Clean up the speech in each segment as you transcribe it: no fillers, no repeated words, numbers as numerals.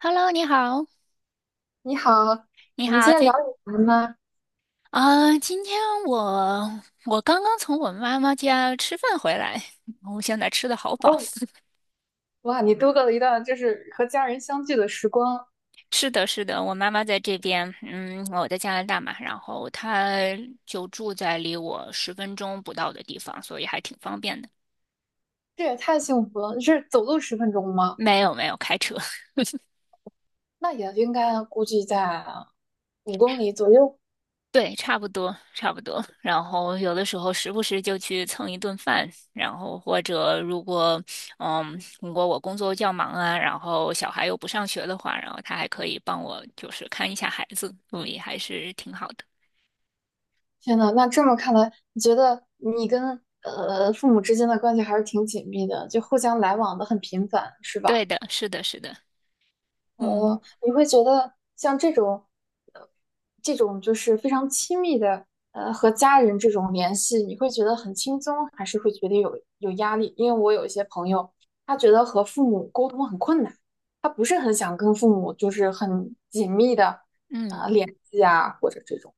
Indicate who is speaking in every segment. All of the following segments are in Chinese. Speaker 1: Hello，你好，
Speaker 2: 你好，
Speaker 1: 你
Speaker 2: 我们
Speaker 1: 好，
Speaker 2: 今天聊点什么呢？
Speaker 1: 今天我刚刚从我妈妈家吃饭回来，我现在吃的好饱。
Speaker 2: 哦，哇，你度过了一段就是和家人相聚的时光，
Speaker 1: 是的，是的，我妈妈在这边，嗯，我在加拿大嘛，然后她就住在离我10分钟不到的地方，所以还挺方便的。
Speaker 2: 这也太幸福了！你是走路十分钟吗？
Speaker 1: 没有，没有开车。
Speaker 2: 那也应该估计在五公里左右。
Speaker 1: 对，差不多，差不多。然后有的时候时不时就去蹭一顿饭，然后或者如果，嗯，如果我工作较忙啊，然后小孩又不上学的话，然后他还可以帮我就是看一下孩子，所以还是挺好的。
Speaker 2: 天呐，那这么看来，你觉得你跟父母之间的关系还是挺紧密的，就互相来往的很频繁，是
Speaker 1: 对
Speaker 2: 吧？
Speaker 1: 的，是的，是的，嗯
Speaker 2: 哦，你会觉得像这种，呃，这种就是非常亲密的，和家人这种联系，你会觉得很轻松，还是会觉得有压力？因为我有一些朋友，他觉得和父母沟通很困难，他不是很想跟父母就是很紧密的，
Speaker 1: 嗯
Speaker 2: 联系啊，或者这种，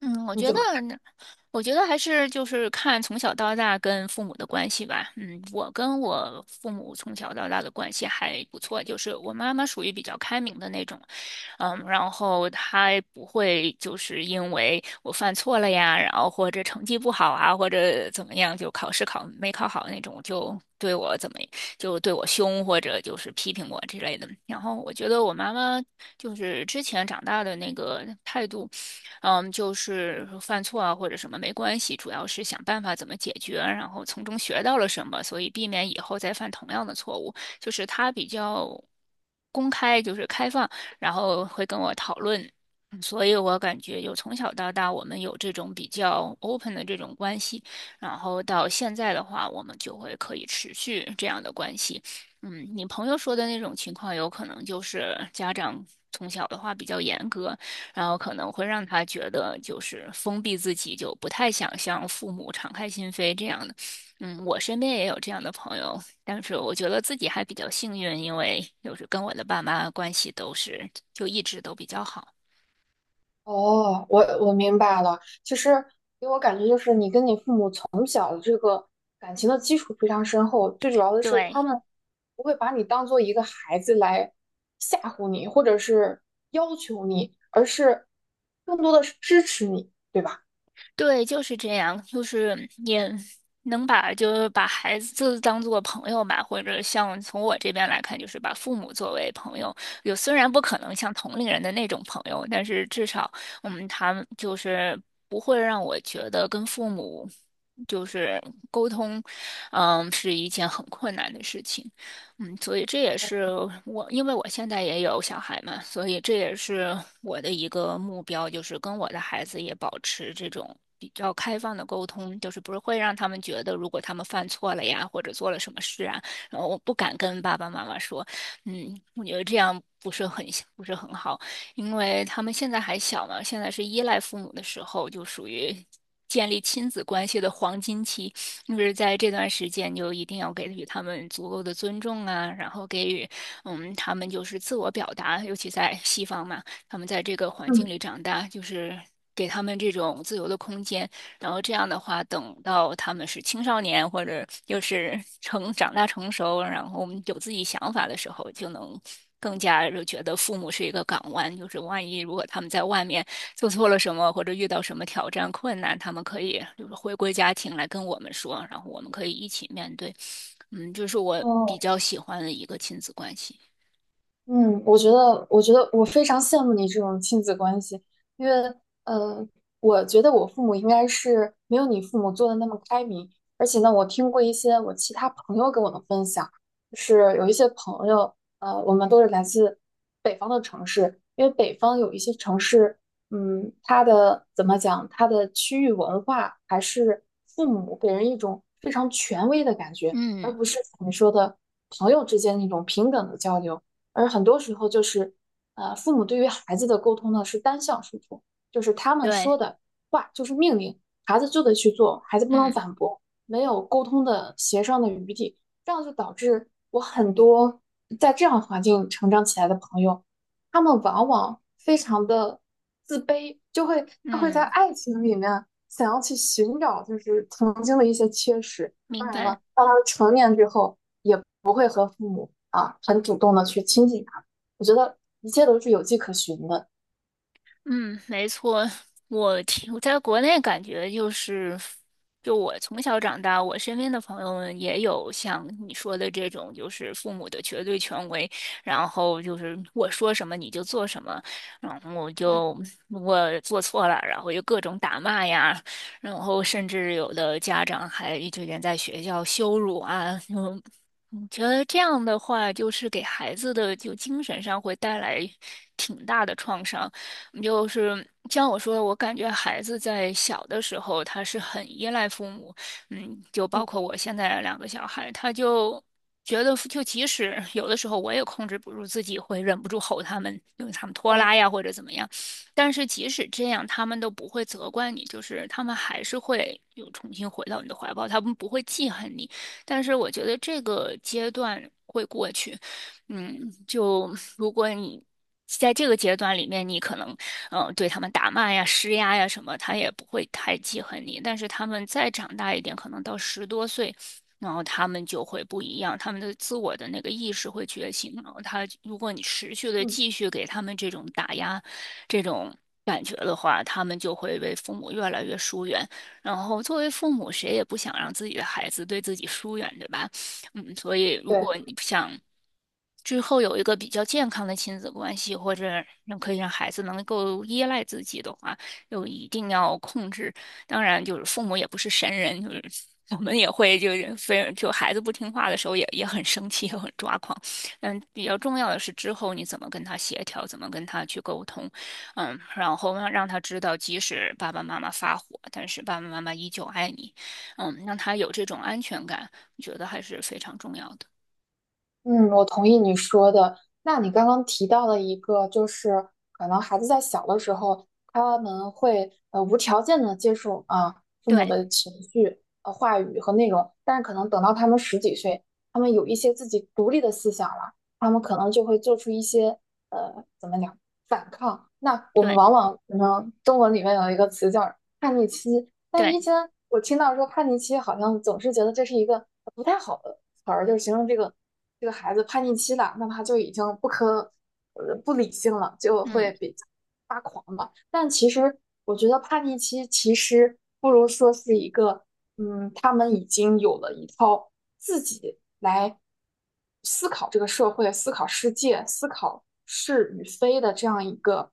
Speaker 1: 嗯，我
Speaker 2: 你
Speaker 1: 觉
Speaker 2: 怎
Speaker 1: 得。
Speaker 2: 么看？
Speaker 1: 我觉得还是就是看从小到大跟父母的关系吧。嗯，我跟我父母从小到大的关系还不错，就是我妈妈属于比较开明的那种。嗯，然后她也不会就是因为我犯错了呀，然后或者成绩不好啊，或者怎么样，就考试考没考好那种，就对我凶或者就是批评我之类的。然后我觉得我妈妈就是之前长大的那个态度。嗯，就是犯错啊或者什么没关系，主要是想办法怎么解决，然后从中学到了什么，所以避免以后再犯同样的错误。就是他比较公开，就是开放，然后会跟我讨论。嗯，所以我感觉有从小到大，我们有这种比较 open 的这种关系，然后到现在的话，我们就会可以持续这样的关系。嗯，你朋友说的那种情况，有可能就是家长从小的话比较严格，然后可能会让他觉得就是封闭自己，就不太想向父母敞开心扉这样的。嗯，我身边也有这样的朋友，但是我觉得自己还比较幸运，因为就是跟我的爸妈关系都是就一直都比较好。
Speaker 2: 哦，我明白了，其实给我感觉就是你跟你父母。从。感情的基础非常深厚，最主要的是
Speaker 1: 对，
Speaker 2: 他们不会把你当做一个孩子来吓唬你，或者是要求你，而是更多的是支持你，对吧？
Speaker 1: 对，就是这样，就是也能把就是把孩子当做朋友吧，或者像从我这边来看，就是把父母作为朋友。有虽然不可能像同龄人的那种朋友，但是至少，嗯，他们就是不会让我觉得跟父母就是沟通，嗯，是一件很困难的事情。嗯，所以这也是我，因为我现在也有小孩嘛，所以这也是我的一个目标，就是跟我的孩子也保持这种比较开放的沟通，就是不是会让他们觉得，如果他们犯错了呀，或者做了什么事啊，然后我不敢跟爸爸妈妈说。嗯，我觉得这样不是很好，因为他们现在还小嘛，现在是依赖父母的时候，就属于建立亲子关系的黄金期，就是在这段时间就一定要给予他们足够的尊重啊，然后给予嗯他们就是自我表达，尤其在西方嘛，他们在这个环境
Speaker 2: 嗯，
Speaker 1: 里长大，就是给他们这种自由的空间，然后这样的话，等到他们是青少年或者就是 成长大成熟，然后我们有自己想法的时候，就能更加就觉得父母是一个港湾，就是万一如果他们在外面做错了什么，或者遇到什么挑战困难，他们可以就是回归家庭来跟我们说，然后我们可以一起面对。嗯，就是我比
Speaker 2: 哦，
Speaker 1: 较喜欢的一个亲子关系。
Speaker 2: 嗯，我觉得，我觉得我非常羡慕你这种亲子关系，因为，呃，我觉得我父母应该是没有你父母做的那么开明，而且呢，我听过一些我其他朋友跟我的分享，就是有一些朋友，我们都是来自北方的城市，因为北方有一些城市，嗯，它的怎么讲，它的区域文化还是父母给人一种非常权威的感觉，
Speaker 1: 嗯，
Speaker 2: 而不是你说的朋友之间那种平等的交流。而很多时候就是，父母对于孩子的沟通呢是单向输出，就是他们说
Speaker 1: 对，
Speaker 2: 的话就是命令，孩子就得去做，孩子不能
Speaker 1: 嗯
Speaker 2: 反驳，没有沟通的协商的余地，这样就导致我很多在这样环境成长起来的朋友，他们往往非常的自卑，就会他会在
Speaker 1: 嗯，
Speaker 2: 爱情里面想要去寻找就是曾经的一些缺失。当
Speaker 1: 明
Speaker 2: 然
Speaker 1: 白。
Speaker 2: 了，到了成年之后，也不会和父母啊很主动的去亲近他我觉得一切都是有迹可循的。
Speaker 1: 嗯，没错，我听我在国内感觉就是，就我从小长大，我身边的朋友们也有像你说的这种，就是父母的绝对权威，然后就是我说什么你就做什么，然后我
Speaker 2: 对，
Speaker 1: 就我做错了，然后就各种打骂呀，然后甚至有的家长还就连在学校羞辱啊，就我觉得这样的话，就是给孩子的就精神上会带来挺大的创伤。就是像我说的，我感觉孩子在小的时候他是很依赖父母。嗯，就包
Speaker 2: 嗯
Speaker 1: 括我现在2个小孩，他就觉得就即使有的时候我也控制不住自己，会忍不住吼他们，因为他们拖拉
Speaker 2: 哦，
Speaker 1: 呀或者怎么样，但是即使这样，他们都不会责怪你，就是他们还是会又重新回到你的怀抱，他们不会记恨你。但是我觉得这个阶段会过去。嗯，就如果你在这个阶段里面，你可能对他们打骂呀、施压呀什么，他也不会太记恨你。但是他们再长大一点，可能到10多岁，然后他们就会不一样，他们的自我的那个意识会觉醒。然后他，如果你持续的
Speaker 2: 嗯，
Speaker 1: 继续给他们这种打压、这种感觉的话，他们就会为父母越来越疏远。然后作为父母，谁也不想让自己的孩子对自己疏远，对吧？嗯，所以如
Speaker 2: 对。
Speaker 1: 果你想之后有一个比较健康的亲子关系，或者让可以让孩子能够依赖自己的话，就一定要控制。当然，就是父母也不是神人，就是我们也会就是非就孩子不听话的时候也很生气，也很抓狂。嗯，比较重要的是之后你怎么跟他协调，怎么跟他去沟通，嗯，然后让他知道，即使爸爸妈妈发火，但是爸爸妈妈依旧爱你，嗯，让他有这种安全感，我觉得还是非常重要的。
Speaker 2: 嗯，我同意你说的。那你刚刚提到了一个，就是可能孩子在小的时候，他们会无条件的接受啊父母
Speaker 1: 对
Speaker 2: 的情绪、话语和内容，但是可能等到他们十几岁，他们有一些自己独立的思想了，他们可能就会做出一些呃怎么讲反抗。那我们
Speaker 1: 对
Speaker 2: 往往可能中文里面有一个词叫叛逆期，但以
Speaker 1: 对。
Speaker 2: 前我听到说叛逆期，好像总是觉得这是一个不太好的词儿，就是形容这个。这个孩子叛逆期了，那他就已经不理性了，就
Speaker 1: 嗯，
Speaker 2: 会比较发狂嘛。但其实我觉得叛逆期其实不如说是一个，嗯，他们已经有了一套自己来思考这个社会、思考世界、思考是与非的这样一个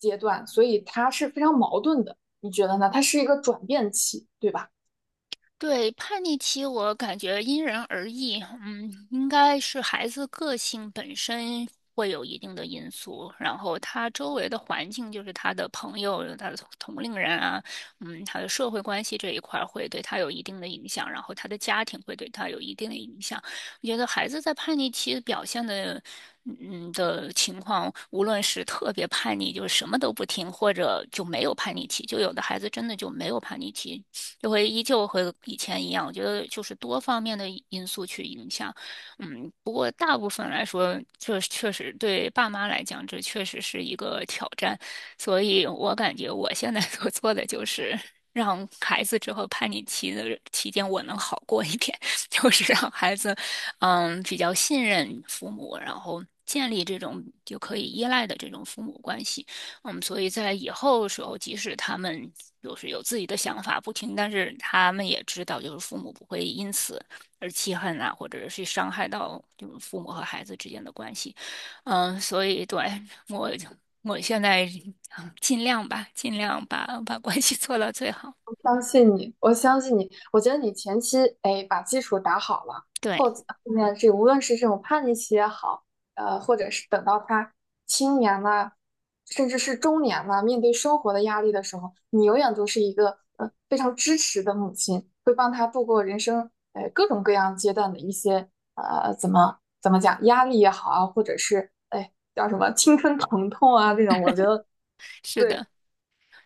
Speaker 2: 阶段，所以它是非常矛盾的。你觉得呢？它是一个转变期，对吧？
Speaker 1: 对，叛逆期我感觉因人而异，嗯，应该是孩子个性本身会有一定的因素，然后他周围的环境，就是他的朋友、他的同龄人啊，嗯，他的社会关系这一块儿会对他有一定的影响，然后他的家庭会对他有一定的影响。我觉得孩子在叛逆期表现的。嗯的情况，无论是特别叛逆，就是什么都不听，或者就没有叛逆期，就有的孩子真的就没有叛逆期，就会依旧和以前一样。我觉得就是多方面的因素去影响。嗯，不过大部分来说，这确实对爸妈来讲，这确实是一个挑战。所以我感觉我现在 所做的就是让孩子之后叛逆期的期间，我能好过一点。就是让孩子，嗯，比较信任父母，然后建立这种就可以依赖的这种父母关系。嗯，所以在以后的时候，即使他们就是有自己的想法不听，但是他们也知道，就是父母不会因此而气恨啊，或者是伤害到就是父母和孩子之间的关系。嗯，所以对我，我现在嗯尽量吧，尽量把关系做到最好。
Speaker 2: 相信你，我相信你。我觉得你前期哎把基础打好了，
Speaker 1: 对，
Speaker 2: 后面这无论是这种叛逆期也好，或者是等到他青年了，甚至是中年了，面对生活的压力的时候，你永远都是一个非常支持的母亲，会帮他度过人生各种各样阶段的一些呃怎么怎么讲压力也好啊，或者是哎叫什么青春疼痛啊这种，我觉得。
Speaker 1: 是
Speaker 2: 对。
Speaker 1: 的，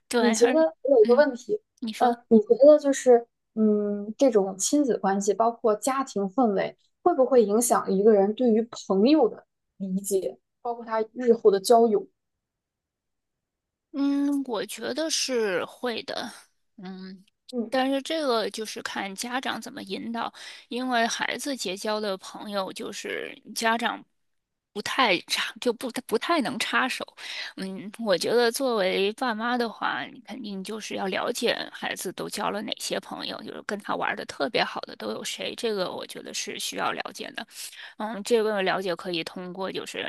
Speaker 1: 对，
Speaker 2: 你觉
Speaker 1: 而
Speaker 2: 得我有一个
Speaker 1: 嗯，
Speaker 2: 问题，
Speaker 1: 你说。
Speaker 2: 你觉得就是，嗯，这种亲子关系，包括家庭氛围，会不会影响一个人对于朋友的理解，包括他日后的交友？
Speaker 1: 嗯，我觉得是会的。嗯，
Speaker 2: 嗯，
Speaker 1: 但是这个就是看家长怎么引导，因为孩子结交的朋友就是家长不太插，就不太能插手。嗯，我觉得作为爸妈的话，你肯定就是要了解孩子都交了哪些朋友，就是跟他玩的特别好的都有谁，这个我觉得是需要了解的。嗯，这个了解可以通过就是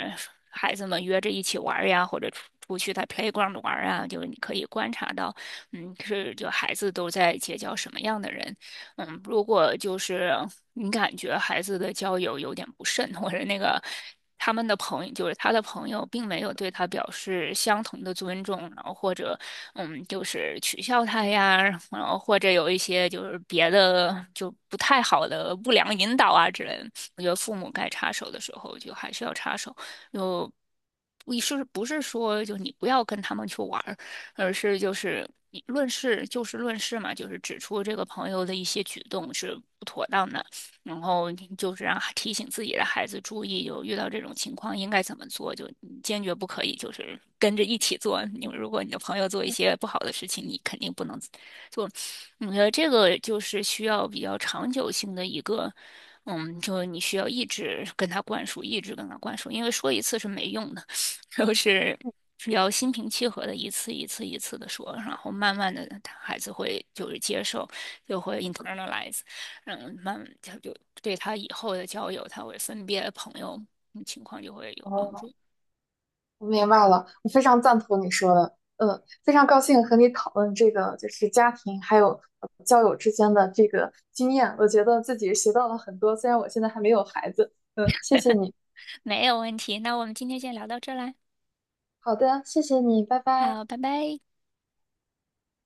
Speaker 1: 孩子们约着一起玩儿呀，或者出去在 playground 玩儿啊，就是你可以观察到，嗯，是就孩子都在结交什么样的人。嗯，如果就是你感觉孩子的交友有点不慎，或者那个他们的朋友，就是他的朋友，并没有对他表示相同的尊重，然后或者嗯，就是取笑他呀，然后或者有一些就是别的就不太好的不良引导啊之类的，我觉得父母该插手的时候就还是要插手，就。你是不是说，就你不要跟他们去玩，而是就是以论事就事论事嘛，就是指出这个朋友的一些举动是不妥当的，然后就是让提醒自己的孩子注意，有遇到这种情况应该怎么做，就你坚决不可以就是跟着一起做。你如果你的朋友做一些不好的事情，你肯定不能做。我觉得这个就是需要比较长久性的一个。嗯，就你需要一直跟他灌输，一直跟他灌输，因为说一次是没用的。都是只要心平气和的一次一次一次的说，然后慢慢的他孩子会就是接受，就会 internalize，嗯，慢他就对他以后的交友，他会分别的朋友嗯情况就会有帮
Speaker 2: 哦，
Speaker 1: 助。
Speaker 2: 我明白了，我非常赞同你说的，嗯，非常高兴和你讨论这个，就是家庭还有交友之间的这个经验，我觉得自己学到了很多，虽然我现在还没有孩子，嗯，谢谢你。
Speaker 1: 没有问题，那我们今天先聊到这儿来。
Speaker 2: 好的，谢谢你，拜拜。
Speaker 1: 好，拜拜。